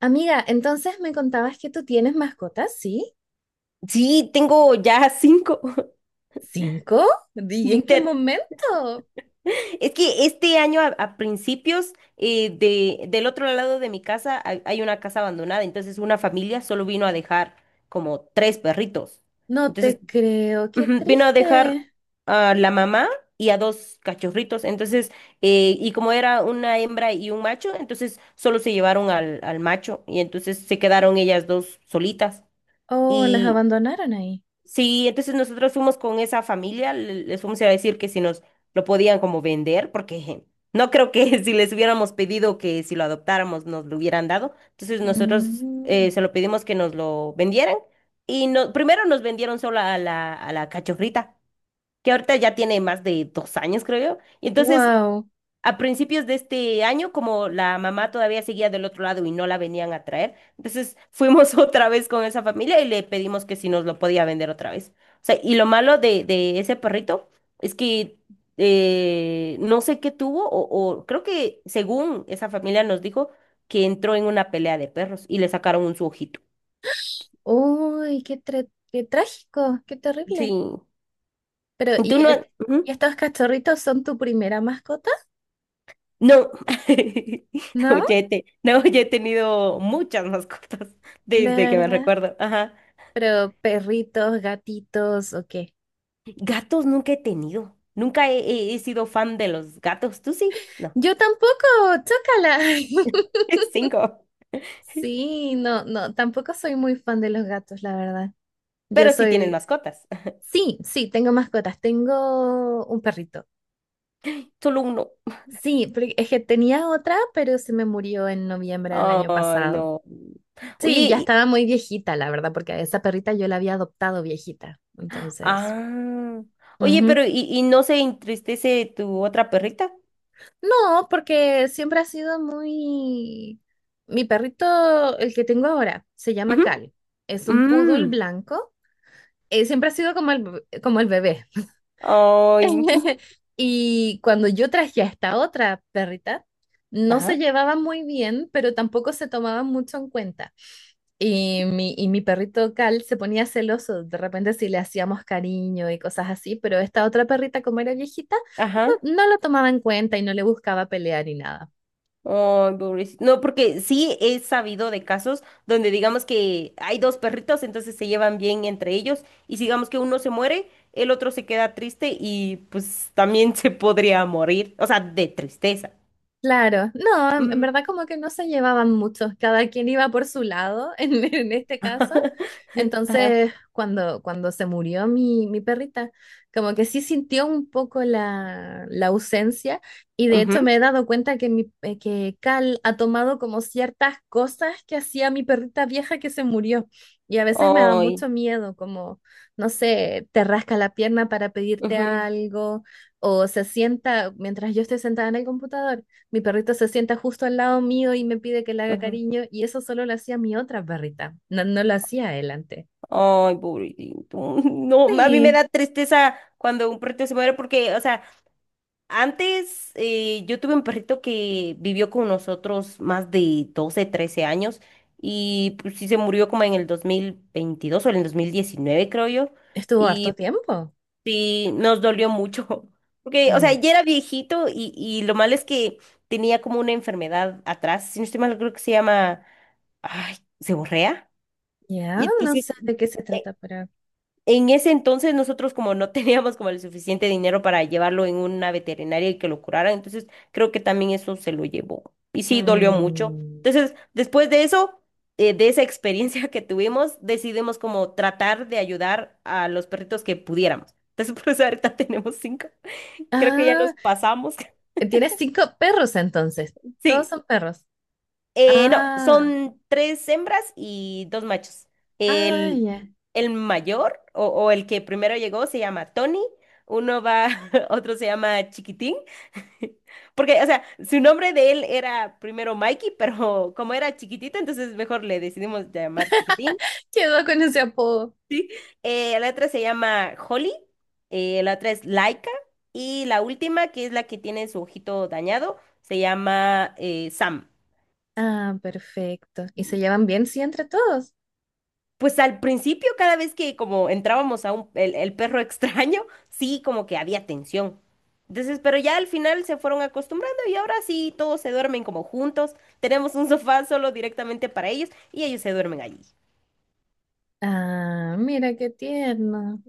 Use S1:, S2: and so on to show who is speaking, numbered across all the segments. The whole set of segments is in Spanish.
S1: Amiga, entonces me contabas que tú tienes mascotas, ¿sí?
S2: Sí, tengo ya cinco.
S1: ¿Cinco? ¿Y en qué
S2: Inter-
S1: momento?
S2: Es que este año a principios del otro lado de mi casa hay una casa abandonada, entonces una familia solo vino a dejar como tres perritos.
S1: No
S2: Entonces
S1: te creo, qué
S2: vino a dejar
S1: triste.
S2: a la mamá y a dos cachorritos. Entonces, y como era una hembra y un macho, entonces solo se llevaron al macho y entonces se quedaron ellas dos solitas.
S1: Oh, las abandonaron ahí.
S2: Sí, entonces nosotros fuimos con esa familia, les fuimos a decir que si nos lo podían como vender, porque no creo que si les hubiéramos pedido que si lo adoptáramos nos lo hubieran dado. Entonces nosotros
S1: Mm,
S2: se lo pedimos que nos lo vendieran y no, primero nos vendieron solo a la cachofrita, que ahorita ya tiene más de 2 años, creo yo. Y entonces
S1: wow.
S2: a principios de este año, como la mamá todavía seguía del otro lado y no la venían a traer, entonces fuimos otra vez con esa familia y le pedimos que si nos lo podía vender otra vez. O sea, y lo malo de ese perrito es que no sé qué tuvo, o creo que según esa familia nos dijo que entró en una pelea de perros y le sacaron un su ojito.
S1: Uy, qué trágico, qué
S2: Sí.
S1: terrible. Pero,
S2: ¿Y
S1: ¿y,
S2: tú no?
S1: es- y
S2: Ujú.
S1: estos cachorritos son tu primera mascota?
S2: No, no,
S1: ¿No?
S2: no, ya he tenido muchas mascotas
S1: De
S2: desde que me
S1: verdad.
S2: recuerdo. Ajá.
S1: Pero perritos, gatitos, ¿o qué?
S2: Gatos nunca he tenido. Nunca he sido fan de los gatos. ¿Tú sí? No.
S1: Yo tampoco, chócala.
S2: Cinco.
S1: Sí, no, no, tampoco soy muy fan de los gatos, la verdad. Yo
S2: Pero sí tienes
S1: soy,
S2: mascotas.
S1: sí, sí, tengo mascotas, tengo un perrito.
S2: Solo uno.
S1: Sí, porque es que tenía otra, pero se me murió en noviembre del año
S2: Ay,
S1: pasado.
S2: no. Oye,
S1: Sí, ya estaba muy viejita, la verdad, porque a esa perrita yo la había adoptado viejita. Entonces,
S2: ah. Oye,
S1: ujú.
S2: pero y no se entristece tu otra perrita?
S1: No, porque siempre ha sido muy. Mi perrito, el que tengo ahora, se llama
S2: Ujú.
S1: Cal. Es un poodle
S2: Mm.
S1: blanco. Siempre ha sido como el bebé.
S2: Ay.
S1: Y cuando yo traje a esta otra perrita, no se
S2: Ajá.
S1: llevaban muy bien, pero tampoco se tomaban mucho en cuenta. Y mi perrito Cal se ponía celoso de repente si le hacíamos cariño y cosas así, pero esta otra perrita, como era viejita,
S2: Ajá.
S1: no, lo no lo tomaba en cuenta y no le buscaba pelear ni nada.
S2: Ay, pobrecito. No, porque sí he sabido de casos donde digamos que hay dos perritos, entonces se llevan bien entre ellos y si digamos que uno se muere, el otro se queda triste y pues también se podría morir, o sea, de tristeza.
S1: Claro, no, en
S2: Ujú.
S1: verdad como que no se llevaban mucho, cada quien iba por su lado en este caso. Entonces, cuando se murió mi perrita, como que sí sintió un poco la ausencia y de hecho
S2: Ujú.
S1: me he dado cuenta que Cal ha tomado como ciertas cosas que hacía mi perrita vieja que se murió y a veces me da
S2: Ay,
S1: mucho miedo, como, no sé, te rasca la pierna para pedirte
S2: ujú,
S1: algo o se sienta mientras yo estoy sentada en el computador, mi perrito se sienta justo al lado mío y me pide que le haga
S2: ujú.
S1: cariño, y eso solo lo hacía mi otra perrita. No, no lo hacía él antes.
S2: Ay, pobrecito. No, a mí me
S1: Sí,
S2: da tristeza cuando un perrito se muere porque, o sea, antes yo tuve un perrito que vivió con nosotros más de 12, 13 años y pues sí se murió como en el 2022 o en el 2019 creo yo
S1: estuvo harto
S2: y
S1: tiempo.
S2: sí nos dolió mucho porque o sea
S1: Em,
S2: ya era viejito y lo malo es que tenía como una enfermedad atrás, si no estoy mal creo que se llama ay, seborrea
S1: ya,
S2: y
S1: no sé
S2: entonces
S1: de qué se
S2: e-
S1: trata, pero.
S2: en ese entonces nosotros como no teníamos como el suficiente dinero para llevarlo en una veterinaria y que lo curaran, entonces creo que también eso se lo llevó. Y sí, dolió mucho.
S1: Mm.
S2: Entonces, después de eso, de esa experiencia que tuvimos, decidimos como tratar de ayudar a los perritos que pudiéramos. Entonces, por eso ahorita tenemos cinco. Creo que ya nos
S1: Ah,
S2: pasamos.
S1: tienes cinco perros entonces. Todos
S2: Sí.
S1: son perros.
S2: No,
S1: Ah,
S2: son tres hembras y dos machos.
S1: ah,
S2: El,
S1: ya.
S2: el mayor o el que primero llegó se llama Tony, uno va, otro se llama Chiquitín, porque, o sea, su nombre de él era primero Mikey, pero como era chiquitito, entonces mejor le decidimos llamar Chiquitín.
S1: Quedó con ese apodo.
S2: Sí. La otra se llama Holly, la otra es Laika y la última, que es la que tiene su ojito dañado, se llama Sam.
S1: Ah, perfecto. ¿Y se llevan bien, sí, entre todos?
S2: Pues al principio, cada vez que como entrábamos a un, el perro extraño, sí, como que había tensión. Entonces, pero ya al final se fueron acostumbrando y ahora sí, todos se duermen como juntos. Tenemos un sofá solo directamente para ellos y ellos se duermen allí.
S1: Ah, mira qué tierno.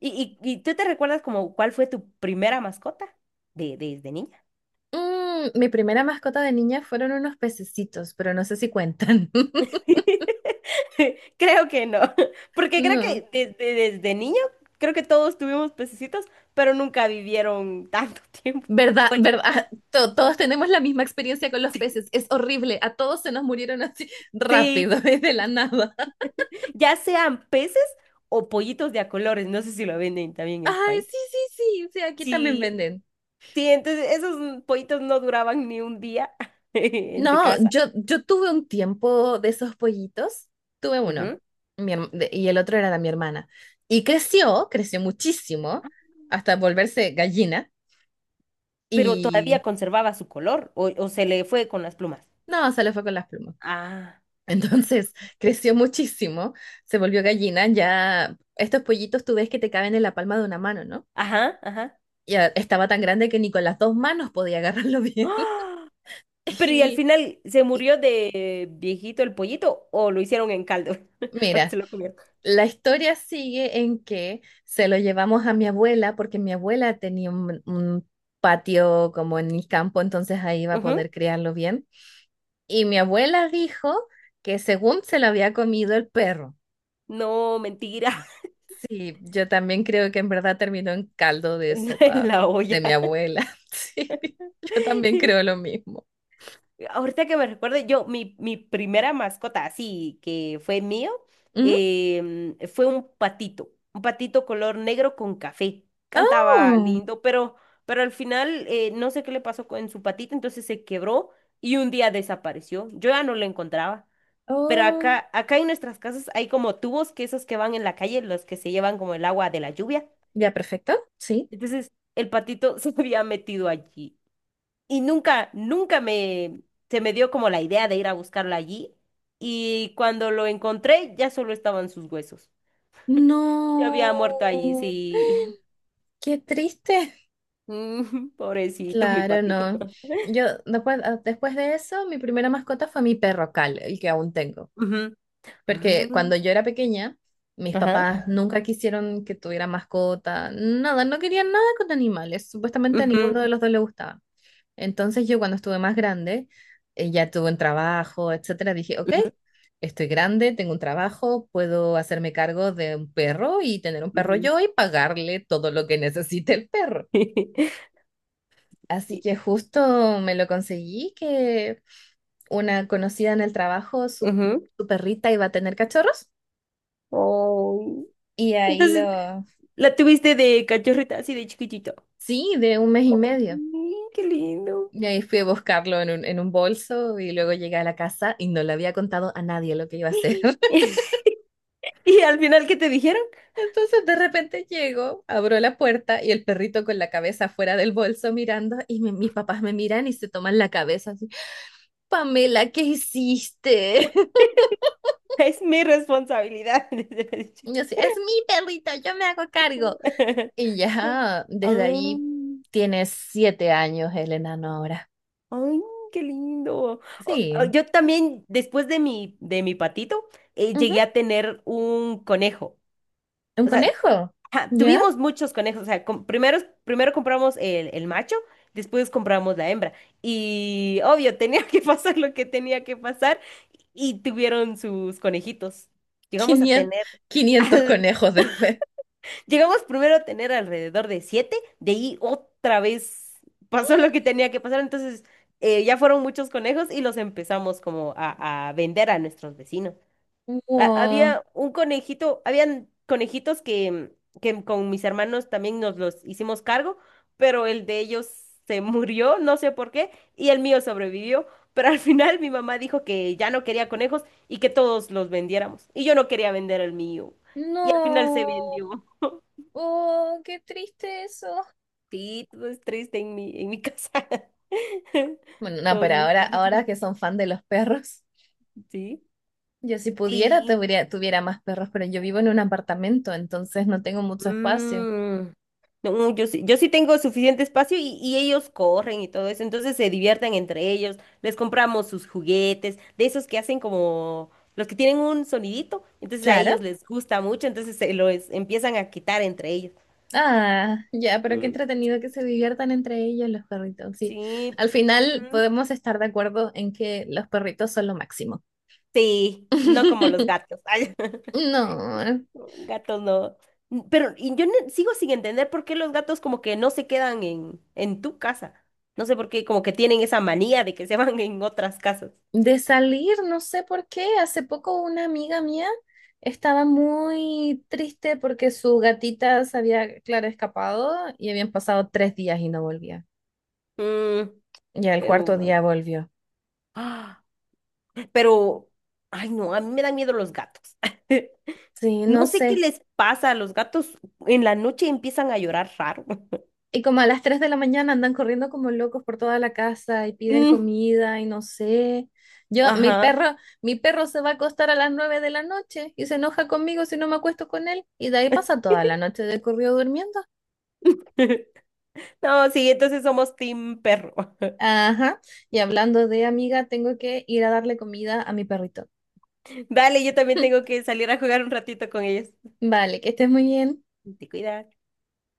S2: ¿Y tú te recuerdas como cuál fue tu primera mascota desde niña?
S1: Mi primera mascota de niña fueron unos pececitos, pero no sé si cuentan.
S2: Creo que no, porque creo
S1: No.
S2: que desde niño, creo que todos tuvimos pececitos, pero nunca vivieron tanto tiempo.
S1: ¿Verdad?
S2: O el-
S1: ¿Verdad? Todos tenemos la misma experiencia con los peces. Es horrible. A todos se nos murieron así
S2: Sí,
S1: rápido, de la nada.
S2: ya sean peces o pollitos de a colores, no sé si lo venden también en tu
S1: Ay,
S2: país.
S1: sí, sí, sí. Sí, aquí también
S2: Sí,
S1: venden.
S2: sí, entonces esos pollitos no duraban ni un día en tu
S1: No,
S2: casa.
S1: yo tuve un tiempo de esos pollitos. Tuve uno.
S2: Ujú.
S1: Y el otro era de mi hermana. Y creció, creció muchísimo, hasta volverse gallina.
S2: Pero todavía
S1: Y
S2: conservaba su color o se le fue con las plumas.
S1: no, se le fue con las plumas.
S2: Ah.
S1: Entonces creció muchísimo, se volvió gallina. Ya estos pollitos tú ves que te caben en la palma de una mano, ¿no?
S2: Ajá, ajá.
S1: Ya estaba tan grande que ni con las dos manos podía agarrarlo bien.
S2: ¡Ah! Pero ¿y al
S1: Y
S2: final se murió de viejito el pollito o lo hicieron en caldo? ¿O
S1: mira,
S2: se lo comieron?
S1: la historia sigue en que se lo llevamos a mi abuela porque mi abuela tenía un patio como en el campo, entonces ahí iba a
S2: Ujú.
S1: poder criarlo bien. Y mi abuela dijo que según se lo había comido el perro.
S2: No, mentira.
S1: Sí, yo también creo que en verdad terminó en caldo de
S2: En
S1: sopa
S2: la
S1: de
S2: olla.
S1: mi abuela. Sí, yo también creo lo mismo.
S2: Ahorita que me recuerde, yo, mi primera mascota, así que fue mío,
S1: Ujú.
S2: em, fue un patito color negro con café. Cantaba
S1: Oh,
S2: lindo, pero al final no sé qué le pasó con su patita, entonces se quebró y un día desapareció. Yo ya no lo encontraba. Pero
S1: oh,
S2: acá, acá en nuestras casas hay como tubos que esos que van en la calle, los que se llevan como el agua de la lluvia.
S1: ya, perfecto. Sí.
S2: Entonces el patito se había metido allí y nunca se me dio como la idea de ir a buscarlo allí. Y cuando lo encontré, ya solo estaban sus huesos. Ya había muerto allí,
S1: No.
S2: sí.
S1: Qué triste.
S2: Mm. Pobrecito, mi
S1: Claro,
S2: patito.
S1: no. Yo después de eso, mi primera mascota fue mi perro Cal, el que aún tengo.
S2: Ujú.
S1: Porque cuando
S2: Mm.
S1: yo era pequeña, mis
S2: Ajá.
S1: papás nunca quisieron que tuviera mascota, nada, no querían nada con animales. Supuestamente a ninguno
S2: Ujú,
S1: de los dos le gustaba. Entonces yo cuando estuve más grande, ya tuve un trabajo, etcétera, dije, ok,
S2: ujú,
S1: estoy grande, tengo un trabajo, puedo hacerme cargo de un perro y tener un perro
S2: ujú.
S1: yo y pagarle todo lo que necesite el perro. Así
S2: Y-
S1: que justo me lo conseguí que una conocida en el trabajo, su,
S2: Ujú.
S1: su perrita iba a tener cachorros
S2: Oh.
S1: y ahí
S2: Entonces,
S1: lo,
S2: la tuviste de cachorrita, así de chiquitito.
S1: sí, de un mes y medio.
S2: Ay, qué lindo.
S1: Y ahí fui a buscarlo en un, bolso y luego llegué a la casa y no le había contado a nadie lo que iba a hacer.
S2: Y al final, ¿qué te dijeron?
S1: Entonces de repente llego, abro la puerta y el perrito con la cabeza fuera del bolso mirando y mis papás me miran y se toman la cabeza así, Pamela, ¿qué hiciste?
S2: Es mi responsabilidad.
S1: Y yo así, es mi perrito, yo me hago cargo. Y ya desde
S2: Ah,
S1: ahí tiene 7 años el enano ahora.
S2: ay, qué lindo.
S1: Sí,
S2: Yo también, después de mi patito,
S1: ujú,
S2: llegué a tener un conejo.
S1: un
S2: O sea,
S1: conejo,
S2: ja,
S1: ¿ya?
S2: tuvimos muchos conejos. O sea, primero compramos el macho, después compramos la hembra. Y obvio, tenía que pasar lo que tenía que pasar y tuvieron sus conejitos. Llegamos a
S1: 500,
S2: tener
S1: 500 conejos después.
S2: llegamos primero a tener alrededor de siete, de ahí otra vez pasó lo que tenía que pasar, entonces ya fueron muchos conejos y los empezamos como a vender a nuestros vecinos.
S1: Wow,
S2: Había un conejito, habían conejitos que con mis hermanos también nos los hicimos cargo, pero el de ellos se murió, no sé por qué, y el mío sobrevivió, pero al final mi mamá dijo que ya no quería conejos y que todos los vendiéramos, y yo no quería vender el mío, y al final se
S1: no,
S2: vendió.
S1: oh, qué triste eso.
S2: Sí, todo es triste en en mi casa.
S1: Bueno, no,
S2: Todos
S1: pero
S2: mis
S1: ahora,
S2: perritos,
S1: ahora que son fan de los perros,
S2: sí.
S1: yo si pudiera
S2: Sí.
S1: tuviera más perros, pero yo vivo en un apartamento, entonces no tengo mucho espacio.
S2: Mm. No, yo sí tengo suficiente espacio y ellos corren y todo eso, entonces se divierten entre ellos, les compramos sus juguetes, de esos que hacen como los que tienen un sonidito, entonces a ellos
S1: Claro.
S2: les gusta mucho, entonces se los empiezan a quitar entre ellos.
S1: Ah, ya, pero qué
S2: Mm.
S1: entretenido que se diviertan entre ellos los perritos. Sí,
S2: Sí,
S1: al final
S2: mm,
S1: podemos estar de acuerdo en que los perritos son lo máximo.
S2: sí, no como los gatos.
S1: No.
S2: Gatos no. Pero y yo sigo sin entender por qué los gatos como que no se quedan en tu casa. No sé por qué, como que tienen esa manía de que se van en otras casas.
S1: De salir, no sé por qué. Hace poco una amiga mía estaba muy triste porque su gatita se había, claro, escapado y habían pasado 3 días y no volvía.
S2: Mm,
S1: Ya el
S2: pero
S1: cuarto
S2: bueno.
S1: día volvió.
S2: Ah. Pero, ay no, a mí me dan miedo los gatos.
S1: Sí,
S2: No
S1: no
S2: sé qué
S1: sé.
S2: les pasa a los gatos. En la noche empiezan a llorar raro.
S1: Y como a las 3 de la mañana andan corriendo como locos por toda la casa y piden
S2: Mm,
S1: comida y no sé. Yo, mi
S2: ajá.
S1: perro, mi perro se va a acostar a las 9 de la noche y se enoja conmigo si no me acuesto con él. Y de ahí pasa toda la noche de corrido durmiendo.
S2: No, sí, entonces somos team perro.
S1: Ajá. Y hablando de amiga, tengo que ir a darle comida a mi perrito.
S2: Dale, yo también tengo que salir a jugar un ratito con ellos.
S1: Vale, que estés muy bien.
S2: Te cuidas.